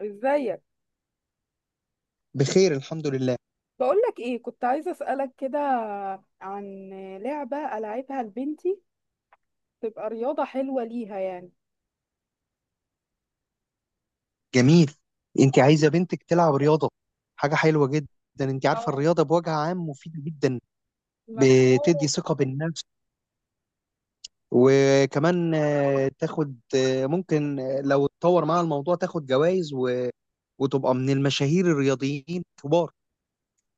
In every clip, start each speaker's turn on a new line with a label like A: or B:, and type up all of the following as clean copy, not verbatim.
A: ازيك.
B: بخير الحمد لله.
A: بقولك ايه، كنت عايزة اسألك كده عن لعبة ألعبها لبنتي تبقى رياضة حلوة ليها يعني.
B: جميل. انت عايزه بنتك تلعب رياضه، حاجه حلوه جدا. انت عارفه
A: اه،
B: الرياضه بوجه عام مفيده جدا، بتدي
A: محتارة.
B: ثقه بالنفس. وكمان تاخد ممكن لو اتطور مع الموضوع تاخد جوائز وتبقى من المشاهير الرياضيين الكبار.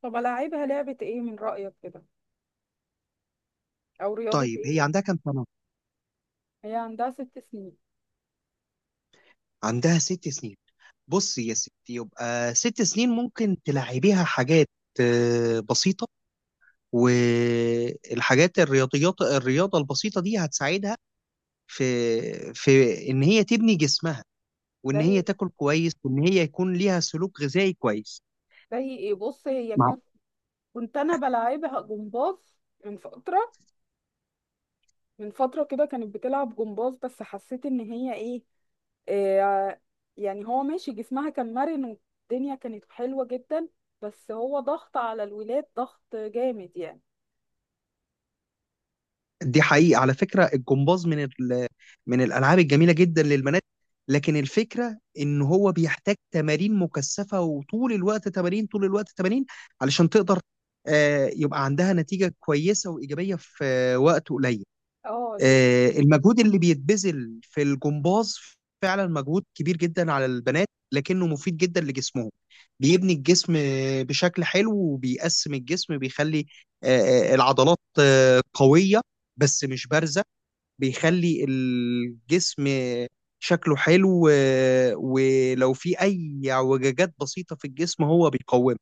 A: طب ألعبها لعبة ايه من رأيك كده، او رياضة
B: طيب هي
A: ايه؟
B: عندها كام سنه؟
A: هي عندها 6 سنين.
B: عندها 6 سنين. بصي يا ستي، يبقى 6 سنين ممكن تلعبيها حاجات بسيطه، والحاجات الرياضيات، الرياضه البسيطه دي هتساعدها في في ان هي تبني جسمها، وان هي
A: زي
B: تاكل كويس، وان هي يكون ليها سلوك غذائي كويس.
A: زي ايه؟ بص، هي
B: مع
A: كان كنت انا بلعبها جمباز من فترة. من فترة كده كانت بتلعب جمباز، بس حسيت ان هي ايه، آه، يعني هو ماشي، جسمها كان مرن، والدنيا كانت حلوة جدا، بس هو ضغط على الولاد ضغط جامد يعني.
B: دي حقيقة، على فكرة الجمباز من من الالعاب الجميلة جدا للبنات، لكن الفكرة ان هو بيحتاج تمارين مكثفة، وطول الوقت تمارين، طول الوقت تمارين علشان تقدر يبقى عندها نتيجة كويسة وإيجابية في وقت قليل.
A: اه ال-
B: المجهود اللي بيتبذل في الجمباز فعلا مجهود كبير جدا على البنات، لكنه مفيد جدا لجسمهم. بيبني الجسم بشكل حلو، وبيقسم الجسم، بيخلي العضلات قوية بس مش بارزة، بيخلي الجسم شكله حلو، ولو في أي اعوجاجات بسيطة في الجسم هو بيقومها.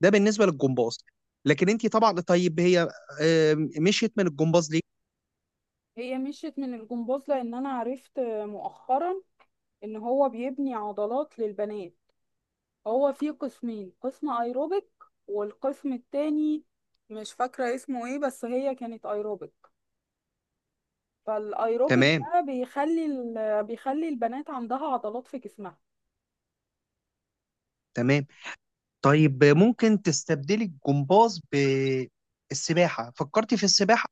B: ده بالنسبة للجمباز. لكن انت طبعا، طيب هي مشيت من الجمباز ليه؟
A: هي مشيت من الجمباز لان انا عرفت مؤخرا ان هو بيبني عضلات للبنات. هو فيه قسمين، قسم ايروبيك والقسم التاني مش فاكرة اسمه ايه، بس هي كانت ايروبيك. فالايروبيك
B: تمام،
A: ده بيخلي بيخلي البنات عندها عضلات في جسمها.
B: تمام. طيب ممكن تستبدلي الجمباز بالسباحة، فكرتي في السباحة؟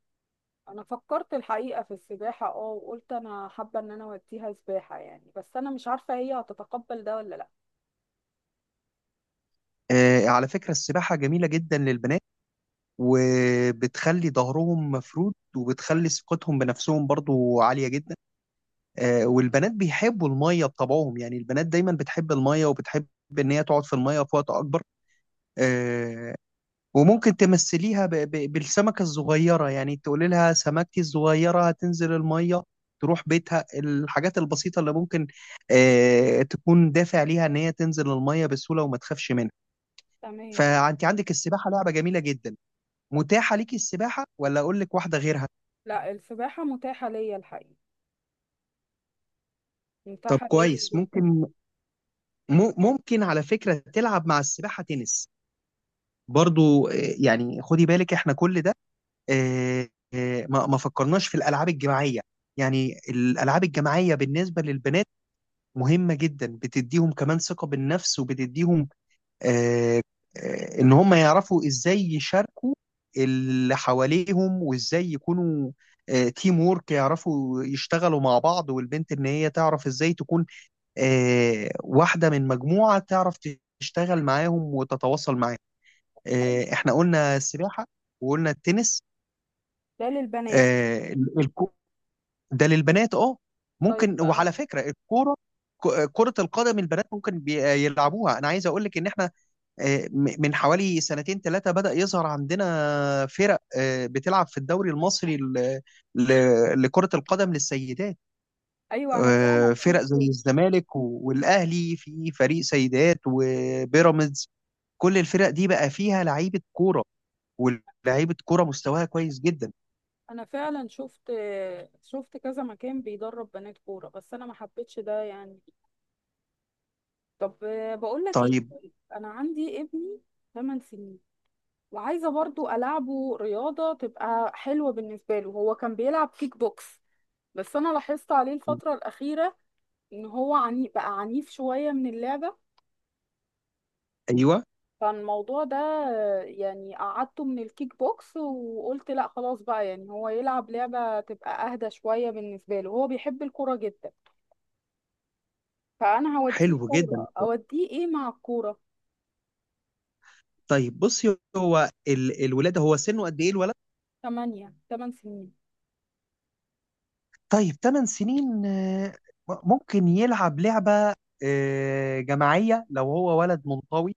A: انا فكرت الحقيقه في السباحه، وقلت انا حابه ان انا اوديها سباحه يعني، بس انا مش عارفه هي هتتقبل ده ولا لا.
B: على فكرة السباحة جميلة جدا للبنات، وبتخلي ظهرهم مفرود، وبتخلي ثقتهم بنفسهم برضو عالية جدا. والبنات بيحبوا المية بطبعهم، يعني البنات دايما بتحب المية، وبتحب ان هي تقعد في المية في وقت اكبر. آه وممكن تمثليها بالسمكة الصغيرة، يعني تقولي لها سمكتي الصغيرة هتنزل المية، تروح بيتها. الحاجات البسيطة اللي ممكن تكون دافع ليها ان هي تنزل المية بسهولة وما تخافش منها.
A: تمام.
B: فانت عندك السباحة لعبة جميلة جدا، متاحة ليكي السباحة ولا اقول لك واحدة غيرها؟
A: لا، السباحه متاحه ليا الحقيقه،
B: طب
A: متاحه ليا
B: كويس،
A: جدا.
B: ممكن ممكن على فكرة تلعب مع السباحة تنس برضو. يعني خدي بالك احنا كل ده آه، ما ما فكرناش في الالعاب الجماعيه. يعني الالعاب الجماعيه بالنسبه للبنات مهمه جدا، بتديهم كمان ثقه بالنفس، وبتديهم آه، ان هم يعرفوا ازاي يشاركوا اللي حواليهم، وازاي يكونوا تيم وورك، يعرفوا يشتغلوا مع بعض، والبنت ان هي تعرف ازاي تكون واحده من مجموعه، تعرف تشتغل معاهم وتتواصل معاهم.
A: طيب،
B: احنا قلنا السباحه وقلنا التنس
A: ده للبنات؟
B: آه، الكورة. ده للبنات اه،
A: طيب،
B: ممكن، وعلى
A: أنا...
B: فكره الكوره، كرة القدم البنات ممكن يلعبوها. أنا عايز أقول لك إن إحنا من حوالي سنتين ثلاثة بدأ يظهر عندنا فرق بتلعب في الدوري المصري لكرة القدم للسيدات.
A: ايوه، انا فعلا
B: فرق زي
A: شفت،
B: الزمالك والأهلي، في فريق سيدات، وبيراميدز، كل الفرق دي بقى فيها لعيبة كورة، ولاعيبة كورة مستواها كويس جدا.
A: انا فعلا شفت شفت كذا مكان بيدرب بنات كوره، بس انا ما حبيتش ده يعني. طب، بقول لك ايه،
B: طيب،
A: طيب، انا عندي ابني 8 سنين، وعايزة برضو ألعبه رياضة تبقى حلوة بالنسبة له، هو كان بيلعب كيك بوكس، بس أنا لاحظت عليه الفترة الأخيرة إن هو عني بقى عنيف شوية من اللعبة.
B: أيوه،
A: فالموضوع ده يعني قعدته من الكيك بوكس، وقلت لا خلاص بقى، يعني هو يلعب لعبة تبقى أهدى شوية بالنسبة له، هو بيحب الكورة جدا، فأنا هوديه
B: حلو جدا.
A: كورة، أوديه إيه مع الكورة.
B: طيب بصي هو الولاد، هو سنه قد ايه الولد؟
A: تمن سنين.
B: طيب 8 سنين، ممكن يلعب لعبة جماعية لو هو ولد منطوي،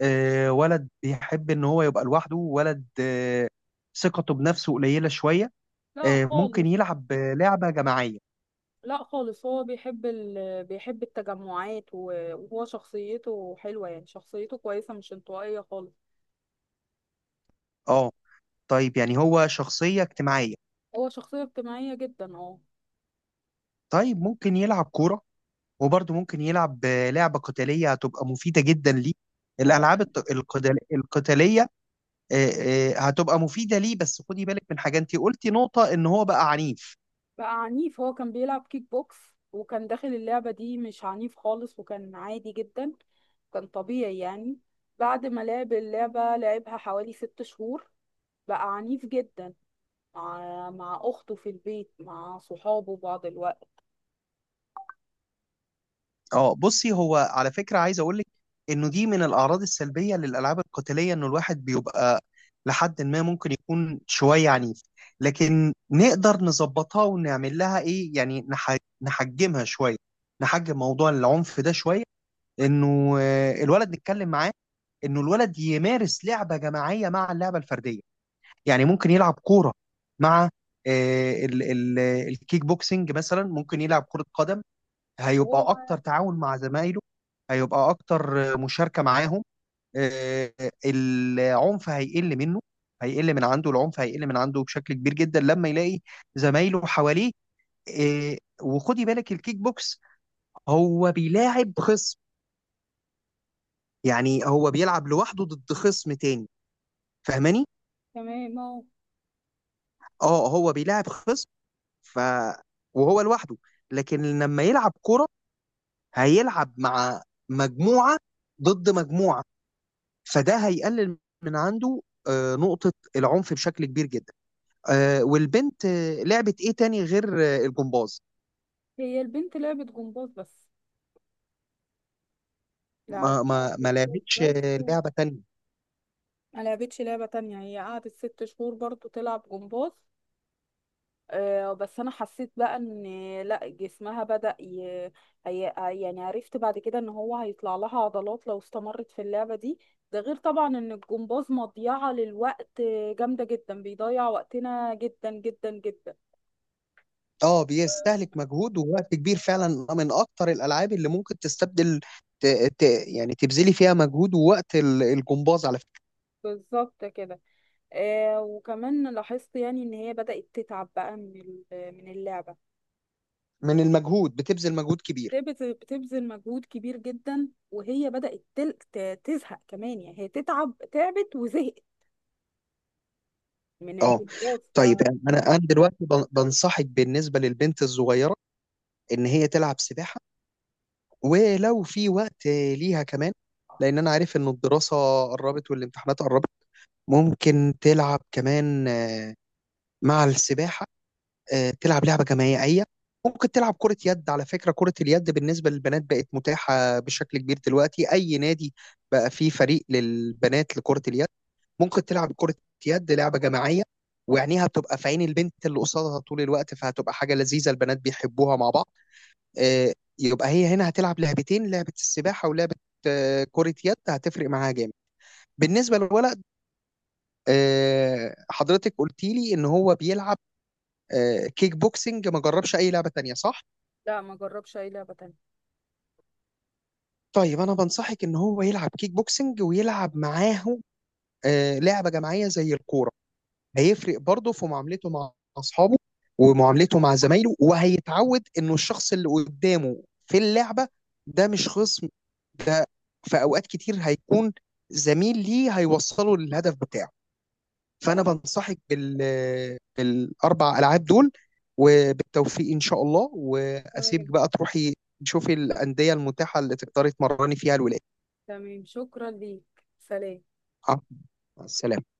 B: ولد بيحب ان هو يبقى لوحده، ولد ثقته بنفسه قليلة شوية،
A: لا
B: ممكن
A: خالص.
B: يلعب لعبة جماعية.
A: لا خالص، هو بيحب بيحب التجمعات، وهو شخصيته حلوة يعني، شخصيته كويسة مش انطوائية خالص.
B: اه، طيب يعني هو شخصية اجتماعية.
A: هو شخصية اجتماعية جدا، اه.
B: طيب ممكن يلعب كورة، وبرضه ممكن يلعب لعبة قتالية هتبقى مفيدة جدا ليه،
A: ما هو
B: الألعاب القتالية هتبقى مفيدة ليه. بس خدي بالك من حاجة، انت قلتي نقطة ان هو بقى عنيف.
A: بقى عنيف، هو كان بيلعب كيك بوكس وكان داخل اللعبة دي مش عنيف خالص وكان عادي جدا، كان طبيعي يعني. بعد ما لعب اللعبة، لعبها حوالي 6 شهور، بقى عنيف جدا، مع أخته في البيت، مع صحابه بعض الوقت.
B: اه، بصي هو على فكرة عايز اقول لك انه دي من الاعراض السلبية للالعاب القتالية، انه الواحد بيبقى لحد ما ممكن يكون شوية عنيف، لكن نقدر نظبطها ونعمل لها ايه، يعني نحجمها شوية، نحجم موضوع العنف ده شوية، انه الولد نتكلم معاه، انه الولد يمارس لعبة جماعية مع اللعبة الفردية. يعني ممكن يلعب كورة مع الكيك بوكسنج، مثلا ممكن يلعب كرة قدم،
A: طب
B: هيبقى
A: هو.
B: أكتر تعاون مع زمايله، هيبقى أكتر مشاركة معاهم. آه، العنف هيقل منه، هيقل من عنده، العنف هيقل من عنده بشكل كبير جدا لما يلاقي زمايله حواليه. وخدي بالك الكيك بوكس هو بيلاعب خصم، يعني هو بيلعب لوحده ضد خصم تاني، فاهماني؟
A: تمام، اهو.
B: اه هو بيلاعب خصم ف وهو لوحده، لكن لما يلعب كرة هيلعب مع مجموعة ضد مجموعة، فده هيقلل من عنده نقطة العنف بشكل كبير جدا. والبنت لعبت ايه تاني غير الجمباز؟
A: هي البنت لعبة جمباز بس،
B: ما
A: لعبتها
B: ما ما
A: جمباز
B: لعبتش
A: بس،
B: لعبة تانية.
A: ما لعبتش لعبة تانية، هي قعدت 6 شهور برضو تلعب جمباز. بس انا حسيت بقى ان لا، جسمها هي... يعني عرفت بعد كده ان هو هيطلع لها عضلات لو استمرت في اللعبة دي. ده غير طبعا ان الجمباز مضيعة للوقت، جامدة جدا، بيضيع وقتنا جدا جدا جدا.
B: اه بيستهلك مجهود ووقت كبير فعلا، من اكتر الالعاب اللي ممكن تستبدل ت... ت... يعني تبذلي فيها مجهود ووقت، الجمباز على فكرة،
A: بالظبط كده. وكمان لاحظت يعني ان هي بدأت تتعب بقى من اللعبة.
B: من المجهود، بتبذل مجهود كبير.
A: بتبذل مجهود كبير جدا، وهي بدأت تزهق كمان، يعني هي تتعب، تعبت وزهقت من
B: اه،
A: الجروبات
B: طيب
A: فلا.
B: يعني انا دلوقتي بنصحك بالنسبه للبنت الصغيره ان هي تلعب سباحه، ولو في وقت ليها كمان، لان انا عارف ان الدراسه قربت والامتحانات قربت. ممكن تلعب كمان مع السباحه تلعب لعبة جماعية، ممكن تلعب كرة يد. على فكرة كرة اليد بالنسبة للبنات بقت متاحة بشكل كبير دلوقتي، أي نادي بقى فيه فريق للبنات لكرة اليد. ممكن تلعب كرة يد، لعبة جماعية، ويعنيها بتبقى في عين البنت اللي قصادها طول الوقت، فهتبقى حاجة لذيذة، البنات بيحبوها مع بعض. آه، يبقى هي هنا هتلعب لعبتين، لعبة السباحة ولعبة كرة يد، هتفرق معاها جامد. بالنسبة للولد، حضرتك قلتي لي إن هو بيلعب كيك بوكسنج، ما جربش أي لعبة تانية صح؟
A: ما جربش اي لعبة تانية.
B: طيب انا بنصحك ان هو يلعب كيك بوكسنج ويلعب معاه لعبه جماعيه زي الكوره، هيفرق برضه في معاملته مع اصحابه، ومعاملته مع زمايله، وهيتعود انه الشخص اللي قدامه في اللعبه ده مش خصم، ده في اوقات كتير هيكون زميل ليه هيوصله للهدف بتاعه. فانا بنصحك بالاربع العاب دول، وبالتوفيق ان شاء الله، واسيبك
A: تمام.
B: بقى تروحي تشوفي الانديه المتاحه اللي تقدري تمرني فيها الولاد.
A: تمام، شكرا ليك. سلام.
B: آه، مع السلامة.